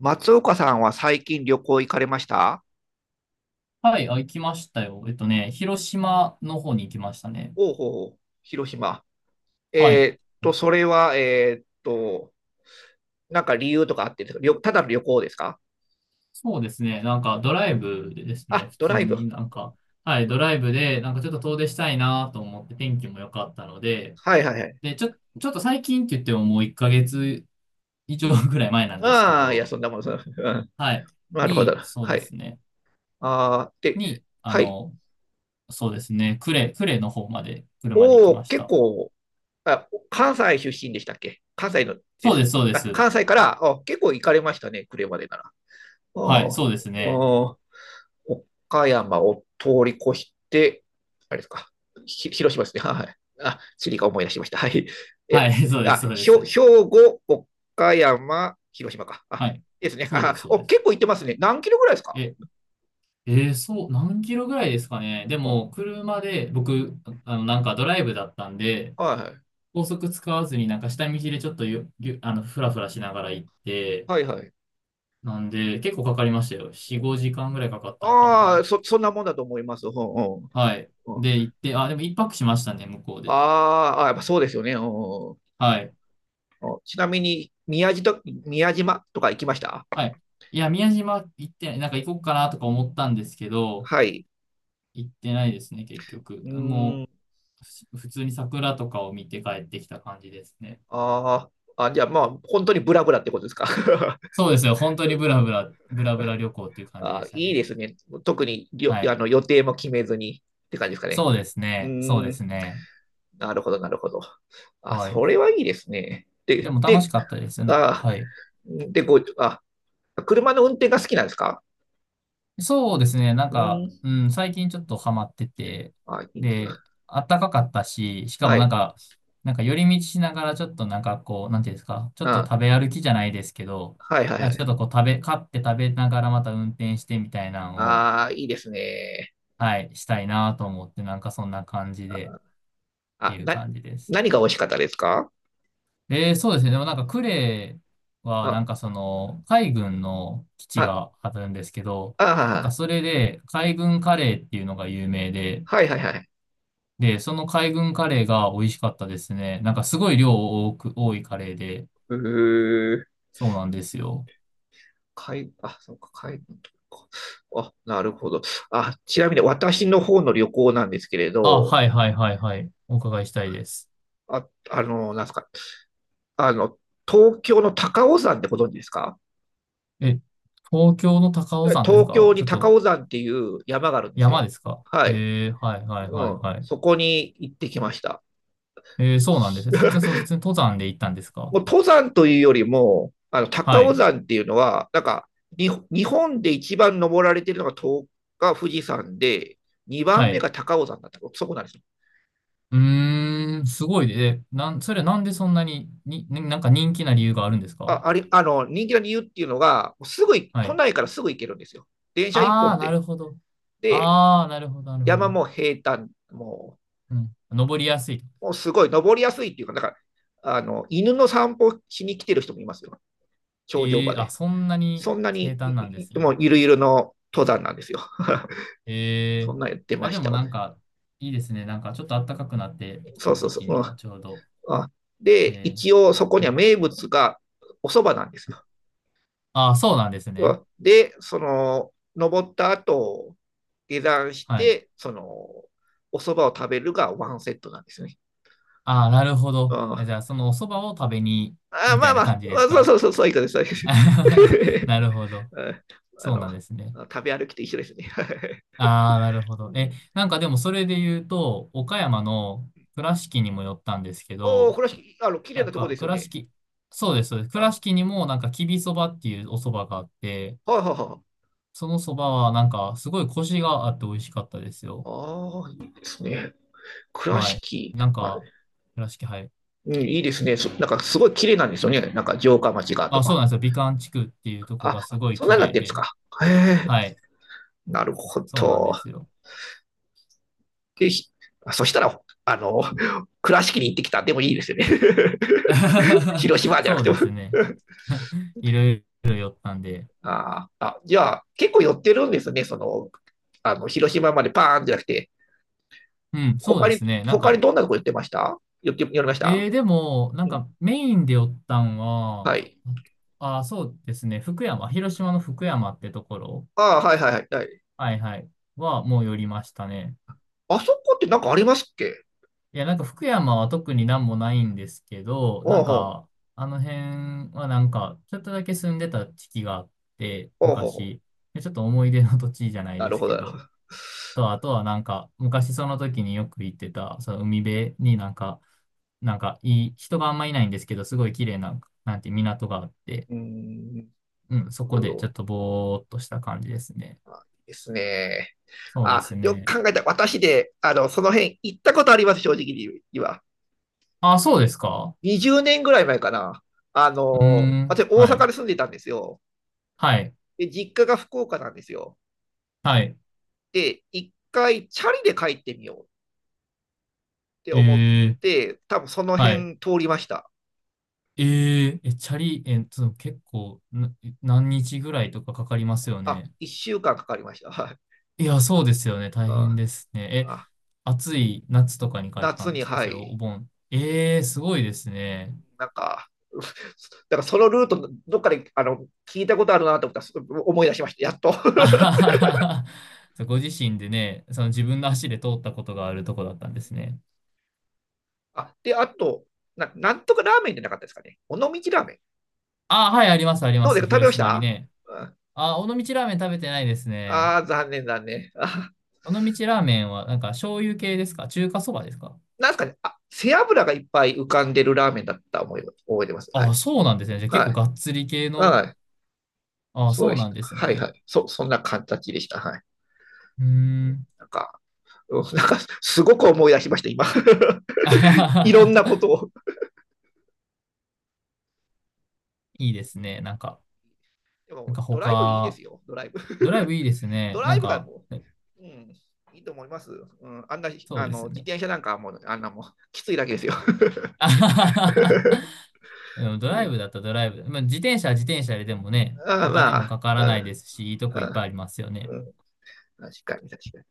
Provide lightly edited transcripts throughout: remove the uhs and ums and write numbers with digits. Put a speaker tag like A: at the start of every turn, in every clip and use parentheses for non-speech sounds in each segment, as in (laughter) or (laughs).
A: 松岡さんは最近旅行行かれました？
B: はい、あ、行きましたよ。広島の方に行きましたね。
A: おうほうほう、広島。
B: はい。
A: それは、なんか理由とかあってですか？旅、ただの旅行ですか？
B: そうですね、なんかドライブでですね、
A: あ、
B: 普
A: ド
B: 通
A: ライ
B: に
A: ブ。
B: なんか、はい、ドライブで、なんかちょっと遠出したいなと思って、天気も良かったので、
A: はいはいはい。
B: で、ちょ、ちょっと最近って言ってももう1ヶ月以上
A: うん。
B: ぐらい前なんですけ
A: ああ、いや、
B: ど、
A: そんなもん、(laughs) そんな。うん。
B: はい、
A: なるほど。
B: に、そう
A: は
B: で
A: い。
B: すね、
A: ああ、で、
B: に、あ
A: はい。
B: の、そうですね、呉の方まで、車で行
A: お
B: きま
A: お、
B: し
A: 結
B: た。
A: 構、あ、関西出身でしたっけ？関西ので
B: そうで
A: す。
B: す、そうで
A: あ、
B: す。
A: 関西から、あ、結構行かれましたね、車でなら。あ
B: はい、
A: あ、
B: そうですね。
A: ああ、岡山を通り越して、あれですか、広島ですね。(laughs) はい。あ、地理が思い出しました。はい。
B: は
A: え、
B: い、(laughs) そうです、
A: あ、
B: そうで
A: ひょ
B: す。
A: 兵庫、岡山、広島か。あ、
B: はい、
A: ですね。
B: そうで
A: あ、
B: す、そう
A: お、
B: です。
A: 結構行ってますね。何キロぐらいですか？
B: え、えーそう、何キロぐらいですかね。で
A: うん、
B: も、車で、僕、なんかドライブだったんで、
A: はいはい。
B: 高速使わずになんか下道でちょっとゆ、ゆ、あの、ふらふらしながら行って、
A: はいはい。
B: なんで、結構かかりましたよ。4、5時間ぐらいかかったのか
A: あ
B: な。
A: あ、そ、そんなもんだと思います。うんうん。
B: はい。
A: うん、
B: で、行って、あ、でも一泊しましたね、向こうで。
A: あーあ、やっぱそうですよね。うんうん、
B: はい。
A: ちなみに宮島と、宮島とか行きました？
B: はい。いや、宮島行ってない、なんか行こうかなとか思ったんですけど、
A: はい。
B: 行ってないですね、結局。
A: う
B: も
A: ん。
B: う、ふ普通に桜とかを見て帰ってきた感じですね。
A: あーあ、じゃあまあ、本当にブラブラってことですか。(laughs)
B: そうですよ。本当にブラブラ旅行っていう感じ
A: あ
B: で
A: ー、
B: した
A: いいで
B: ね。
A: すね。特によ、
B: はい。
A: 予定も決めずにって感じですかね。うー
B: そうで
A: ん、
B: すね。
A: なるほど、なるほど。あ、
B: はい。
A: それはいいですね。
B: で
A: で、
B: も楽し
A: で、
B: かったですな。
A: あ
B: はい。
A: ー、で、ご、あ、車の運転が好きなんですか？
B: そうですね。なん
A: うー
B: か、
A: ん、
B: うん、最近ちょっとハマってて、
A: あ、いいんですね。
B: で、あったかかったし、しか
A: は
B: もなん
A: い、
B: か、なんか寄り道しながらちょっとなんかこう、なんていうんですか、ちょっと
A: あ、
B: 食べ歩きじゃないですけど、
A: はい、はい、は
B: なんかちょ
A: い。
B: っとこう食べ、買って食べながらまた運転してみたいなのを、
A: ああ、いいですね。
B: はい、したいなと思って、なんかそんな感じで、って
A: あ、
B: いう
A: な、
B: 感じです。
A: 何が美味しかったですか？
B: えー、そうですね。でもなんかクレーはな
A: あ、
B: んかその海軍の基地
A: あ、
B: があるんですけど、
A: あ
B: なんか
A: ー、
B: それで海軍カレーっていうのが有名で、
A: はい、はい、はい。
B: で、その海軍カレーが美味しかったですね。なんかすごい量多く、多いカレーで、
A: うー、
B: そうなんですよ。
A: 海、あ、そうか、海のとこか。あ、なるほど。あ、ちなみに私の方の旅行なんですけれ
B: あ、
A: ど、
B: はいはいはいはい。お伺いしたいです。
A: あ、なんですか、あの、東京の高尾山ってご存知ですか？
B: え、東京の高尾山です
A: 東
B: か。
A: 京
B: ち
A: に
B: ょっ
A: 高
B: と
A: 尾山っていう山があるんです
B: 山
A: よ。
B: ですか
A: はい。
B: えー、はいはい
A: う
B: はい
A: ん。
B: はい。
A: そこに行ってきました。
B: えー、そうなんですね。
A: (laughs)
B: 普通に登山で行ったんですか。
A: もう登山というよりも、あの、
B: は
A: 高尾
B: い。
A: 山っていうのは、なんか、に日本で一番登られてるのが東が富士山で、2番
B: は
A: 目
B: い。
A: が高尾山だった。そこなんですよ。
B: うーん、すごいね。えなん、それ、なんでそんなになんか人気な理由があるんですか。
A: あありあの人気の理由っていうのが、すぐい
B: は
A: 都
B: い。
A: 内からすぐ行けるんですよ。電車一
B: あ
A: 本
B: あ、な
A: で。
B: るほど。
A: で、
B: なるほ
A: 山
B: ど。
A: も平坦、
B: うん。登りやすい。
A: もうすごい登りやすいっていうか、なんからあの犬の散歩しに来てる人もいますよ、頂上
B: え
A: ま
B: え、あ、
A: で。
B: そんなに
A: そんな
B: 平
A: に、
B: 坦なんです
A: もう
B: ね。
A: ゆるゆるの登山なんですよ。(laughs)
B: え
A: そ
B: え、
A: んなやって
B: あ、
A: ま
B: で
A: した、
B: もな
A: 私。
B: んか、いいですね。なんか、ちょっと暖かくなってき
A: そう
B: た
A: そう
B: 時
A: そ
B: 期に
A: う。
B: はちょうど。
A: うん、で、
B: え
A: 一応そこ
B: え、う
A: には
B: ん。
A: 名物がお蕎麦なんですよ。
B: ああ、そうなんですね。
A: で、その、登った後、下山し
B: はい。
A: て、その、お蕎麦を食べるがワンセットなんですよね。
B: ああ、なるほ
A: うん、
B: ど。え
A: あ、
B: じゃあ、そのお蕎麦を食べに、
A: まあ
B: み
A: ま
B: た
A: あ
B: い
A: ま
B: な
A: あ、
B: 感じです
A: そう
B: か。
A: そうそう、そういうことです、そういうこと
B: (laughs)
A: です。
B: なるほど。
A: (laughs) あ
B: そう
A: の、
B: なんですね。
A: 食べ歩きと一緒ですね。(laughs)
B: ああ、なるほ
A: う
B: ど。え、
A: ん、
B: なんかでもそれで言うと、岡山の倉敷にも寄ったんですけ
A: おお、
B: ど、
A: これはあの綺麗
B: なん
A: なとこ
B: か
A: ですよ
B: 倉
A: ね。
B: 敷、そうです、そうです。倉
A: あ、
B: 敷にもなんかきびそばっていうお蕎麦があって、
A: はいはいはい。
B: その蕎麦はなんかすごいコシがあって美味しかったですよ。
A: ああ、いいですね。倉
B: はい。
A: 敷、
B: なん
A: あ、
B: か、はい。
A: うん、いいですね。そなんかすごい綺麗なんですよね。なんか城下町がと
B: あ、そう
A: か。
B: なんですよ。美観地区っていうと
A: あ、
B: こがす
A: あ、
B: ごい
A: そんな
B: 綺
A: になっ
B: 麗
A: てるんです
B: で、
A: か。へ
B: は
A: え。
B: い。
A: なるほ
B: そうなん
A: ど。
B: ですよ。
A: で、そしたら、あの、(laughs) 倉敷に行ってきたでもいいですよね。(laughs) 広島
B: (laughs)
A: じゃなく
B: そう
A: ても。
B: ですね。(laughs) いろいろ寄ったんで。
A: (laughs) ああ。じゃあ、結構寄ってるんですね。その、あの、広島までパーンじゃなくて、
B: うん、そう
A: 他
B: で
A: に、
B: すね。なん
A: 他
B: か、
A: にどんなとこ寄ってました、寄って、寄りました？
B: えー、でも、なん
A: うん。
B: かメインで寄ったん
A: は
B: は、
A: い。
B: あ、そうですね。広島の福山ってところ、
A: ああ、はいはいはいはい。
B: はいはい、はもう寄りましたね。
A: あそこってなんかありますっけ？
B: いや、なんか福山は特になんもないんですけど、な
A: おう
B: ん
A: ほ
B: か、
A: う。
B: あの辺はなんか、ちょっとだけ住んでた時期があって、
A: おうほうほう。
B: 昔。でちょっと思い出の土地じゃない
A: な
B: で
A: る
B: す
A: ほど、
B: け
A: なるほ
B: ど、
A: ど。
B: あとはなんか、昔その時によく行ってた、その海辺になんか、なんかいい、人があんまいないんですけど、すごい綺麗な、なんて港があって、
A: うーん。
B: うん、そこ
A: どう
B: でちょ
A: よ
B: っとぼーっとした感じですね。
A: ですね。
B: そうで
A: あ、
B: す
A: よ
B: ね。
A: く考えた。私で、あの、その辺行ったことあります、正直に言えば。
B: あ、そうですか。
A: 20年ぐらい前かな。あ
B: うー
A: の、私
B: ん、
A: 大
B: は
A: 阪
B: い、
A: に住んでたんですよ。
B: はい、
A: で、実家が福岡なんですよ。
B: はい、
A: で、一回チャリで帰ってみようって
B: え
A: 思っ
B: ー、
A: て、多分その
B: はい。
A: 辺通りました。
B: えー、え、チャリ、えっと、結構な、何日ぐらいとかかかりますよ
A: あ、
B: ね。
A: 1週間かんかかりました。はい。
B: いや、そうですよね。大
A: う
B: 変
A: ん。
B: ですね。え、
A: あ、
B: 暑い夏とかに帰った
A: 夏
B: んで
A: に、
B: すか、
A: は
B: それ
A: い。
B: お盆。ええー、すごいですね。
A: なんか、(laughs) うだからそのルート、どっかであの聞いたことあるなと思ったら、す、思い出しました、やっと。
B: あはははは (laughs) ご自身でね、その自
A: (laughs)
B: 分の足で通ったことがあるとこだったんですね。
A: あ、で、あと、な、なんとかラーメンじゃなかったですかね。尾道ラーメン。
B: あ、はい、ありま
A: どうで
B: す。
A: すか、食べ
B: 広
A: まし
B: 島に
A: た？
B: ね。あ、尾道ラーメン食べてないですね。
A: ああー、残念、残念。あ、
B: 尾道ラーメンは、なんか醤油系ですか、中華そばですか。
A: なんですかね。あ、背脂がいっぱい浮かんでるラーメンだった思い、覚えてます。はい。
B: あ、そうなんですね。じゃあ結構
A: は
B: がっつり系
A: い。は
B: の。
A: い。
B: あ、
A: そう
B: そ
A: で
B: う
A: し
B: なん
A: た。
B: です
A: はい、
B: ね。
A: はい。そ、そんな形でした。はい。
B: うーん。
A: なんか、うん、なんか、すごく思い出しました、今。(laughs)
B: (laughs) あはは
A: いろん
B: は
A: なこと
B: は、
A: を。
B: いいですね。なんか、
A: で
B: なん
A: も、
B: か
A: ドライブいいで
B: 他、
A: すよ、ドライブ。
B: ドライブ
A: (laughs)
B: いいです
A: ド
B: ね。
A: ライブがもう、うん、いいと思います。うん、あんな、
B: そう
A: あ
B: で
A: の、
B: す
A: 自
B: ね。
A: 転車なんかもう、あんなもう、きついだけですよ。
B: (laughs) あははは、
A: (laughs)
B: うん、ド
A: う
B: ライ
A: ん、
B: ブだったらドライブ。まあ、自転車は自転車ででもね、
A: あ、
B: お金
A: ま
B: も
A: あ、
B: かから
A: う
B: ない
A: ん、
B: ですし、いいとこいっぱいありますよね。
A: うんうん、確かに、確かに。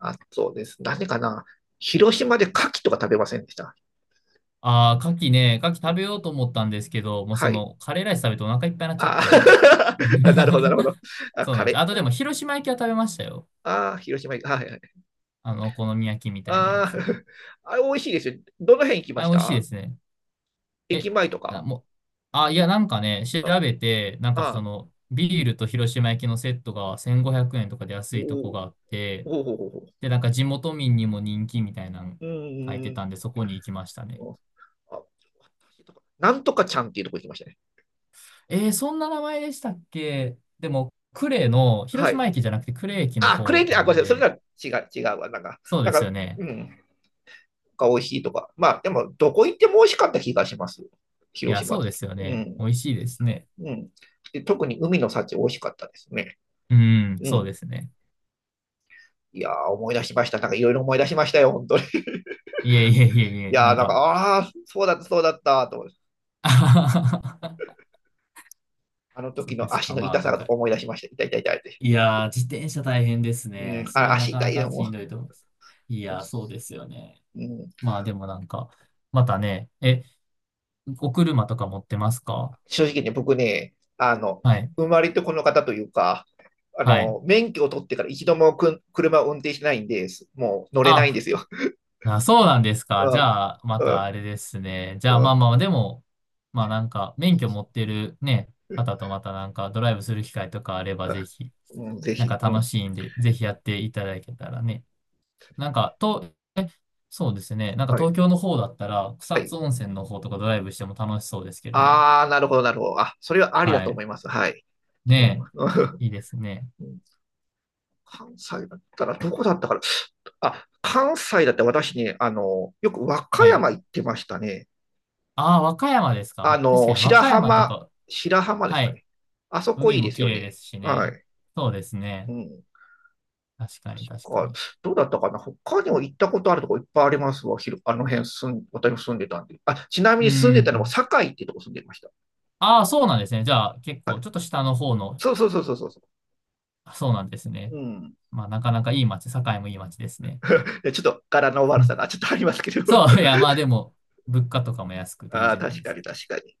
A: あ、そうです。なかな。広島で牡蠣とか食べませんでした？
B: ああ、牡蠣食べようと思ったんですけど、もう
A: は
B: そ
A: い。
B: の、カレーライス食べてお腹いっぱいになっちゃっ
A: あ
B: て。
A: あ。 (laughs) なるほど、なるほど。
B: (laughs)
A: あ、
B: そう
A: カ
B: なんです。
A: レ
B: あとで
A: ー。
B: も、広島焼きは食べましたよ。
A: ああ、広島行く。はいはい。
B: あの、お好み焼きみたいなや
A: ああ、
B: つ。
A: あれ美味しいですよ。どの辺行きま
B: あれ、
A: し
B: 美味しいで
A: た？
B: すね。
A: 駅
B: え、
A: 前と
B: あ、
A: か？
B: もう、あ、いや、なんかね、調
A: あ
B: べて、なんかそ
A: あ、
B: の、ビールと広島焼きのセットが1500円とかで安いとこ
A: お
B: があって、
A: ほうほうほうほ
B: で、なんか地元民にも人気みたいなの
A: う。う
B: 書いて
A: ー
B: た
A: ん。
B: んで、そこに行きましたね。
A: あ、なんとかちゃんっていうとこ行きましたね。
B: えー、そんな名前でしたっけ。でも、広
A: はい。
B: 島駅じゃなくて呉駅の
A: あ、クレ
B: 方
A: イジー、
B: な
A: あ、ごめ
B: ん
A: んなさい。そ
B: で、
A: れなら違う、違うわ。なんか、
B: そう
A: な
B: で
A: ん
B: す
A: か、
B: よね。
A: うん。が美味しいとか。まあ、でも、どこ行っても美味しかった気がします。
B: い
A: 広
B: や、
A: 島
B: そ
A: っ
B: うで
A: て。
B: すよ
A: う
B: ね。
A: ん。
B: 美味しいですね。
A: うん。で、特に海の幸美味しかったですね。
B: うん、
A: う
B: そう
A: ん。
B: ですね。
A: いやー、思い出しました。なんかいろいろ思い出しましたよ、本当に。
B: いえいえいえい
A: (laughs) い
B: え、
A: や
B: な
A: ー、
B: ん
A: なんか、
B: か、
A: ああ、そうだった、そうだった、と思って。
B: (laughs)
A: あの
B: そ
A: 時
B: うで
A: の
B: す
A: 足
B: か。
A: の
B: ま
A: 痛
B: あ、
A: さ
B: なん
A: が
B: か、
A: 思い出しました。痛い痛い痛いって。
B: いやー、自転車大変です
A: う
B: ね。
A: ん、
B: それ
A: あ、
B: はな
A: 足
B: か
A: 痛
B: な
A: いよ、
B: かしん
A: も
B: どいと思います。い
A: う。
B: やー、そうですよね。
A: うん、
B: まあでもなんか、またね、え、お車とか持ってますか。
A: 正直ね、僕ね、あの、
B: はい。
A: 生まれてこの方というか、あ
B: はい。
A: の、免許を取ってから一度もくん車を運転しないんで、す、もう乗れないんで
B: あ、
A: すよ。
B: あ、そうなんです
A: (laughs)
B: か。
A: う
B: じ
A: ん、
B: ゃあ、ま
A: う
B: た
A: ん、
B: あれですね。じゃあ、
A: うん、
B: でも、まあなんか、免許持ってるね、方とまたなんか、ドライブする機会とかあれば、ぜひ、
A: うん、ぜ
B: なん
A: ひ。
B: か
A: う
B: 楽
A: ん。
B: しいんで、ぜひやっていただけたらね。なんか、と、え、そうですね。なんか
A: はい。
B: 東京の方だったら、
A: は
B: 草
A: い。
B: 津温泉の方とかドライブしても楽しそうですけどね。
A: ああ、なるほど、なるほど。あ、それはありだ
B: は
A: と思
B: い。
A: います。はい。で
B: ね
A: も、
B: え。いいですね。
A: うん、関西だったら、どこだったから、あ、関西だって私ね、あの、よく和歌
B: はい。
A: 山行ってましたね。
B: ああ、和歌山ですか。
A: あ
B: まあ、確か
A: の、
B: に和
A: 白
B: 歌山と
A: 浜、
B: か、
A: 白浜です
B: は
A: か
B: い。
A: ね。あそこい
B: 海
A: いで
B: も
A: す
B: 綺
A: よ
B: 麗で
A: ね。
B: すし
A: は
B: ね。
A: い。
B: そうです
A: う
B: ね。
A: ん。
B: 確か
A: か、
B: に。
A: どうだったかな。他にも行ったことあるとこいっぱいありますわ。ひろ、あの辺住ん、私も住んでたんで。あ、ちなみ
B: うん
A: に住ん
B: う
A: でたのも
B: ん。
A: 堺ってとこ住んでました。
B: ああ、そうなんですね。じゃあ、結
A: は
B: 構、
A: い。
B: ちょっと下の方の、
A: そうそうそうそうそうそ
B: あ、そうなんです
A: う。
B: ね。
A: うん。
B: まあ、なかなかいい街、堺もいい街ですね。
A: でちょっと柄の
B: う
A: 悪さ
B: ん、
A: がちょっとありますけど。(laughs)
B: そう、いや、まあでも、物価とかも安くていい
A: ああ、
B: じゃない
A: 確
B: で
A: か
B: すか。
A: に確かに。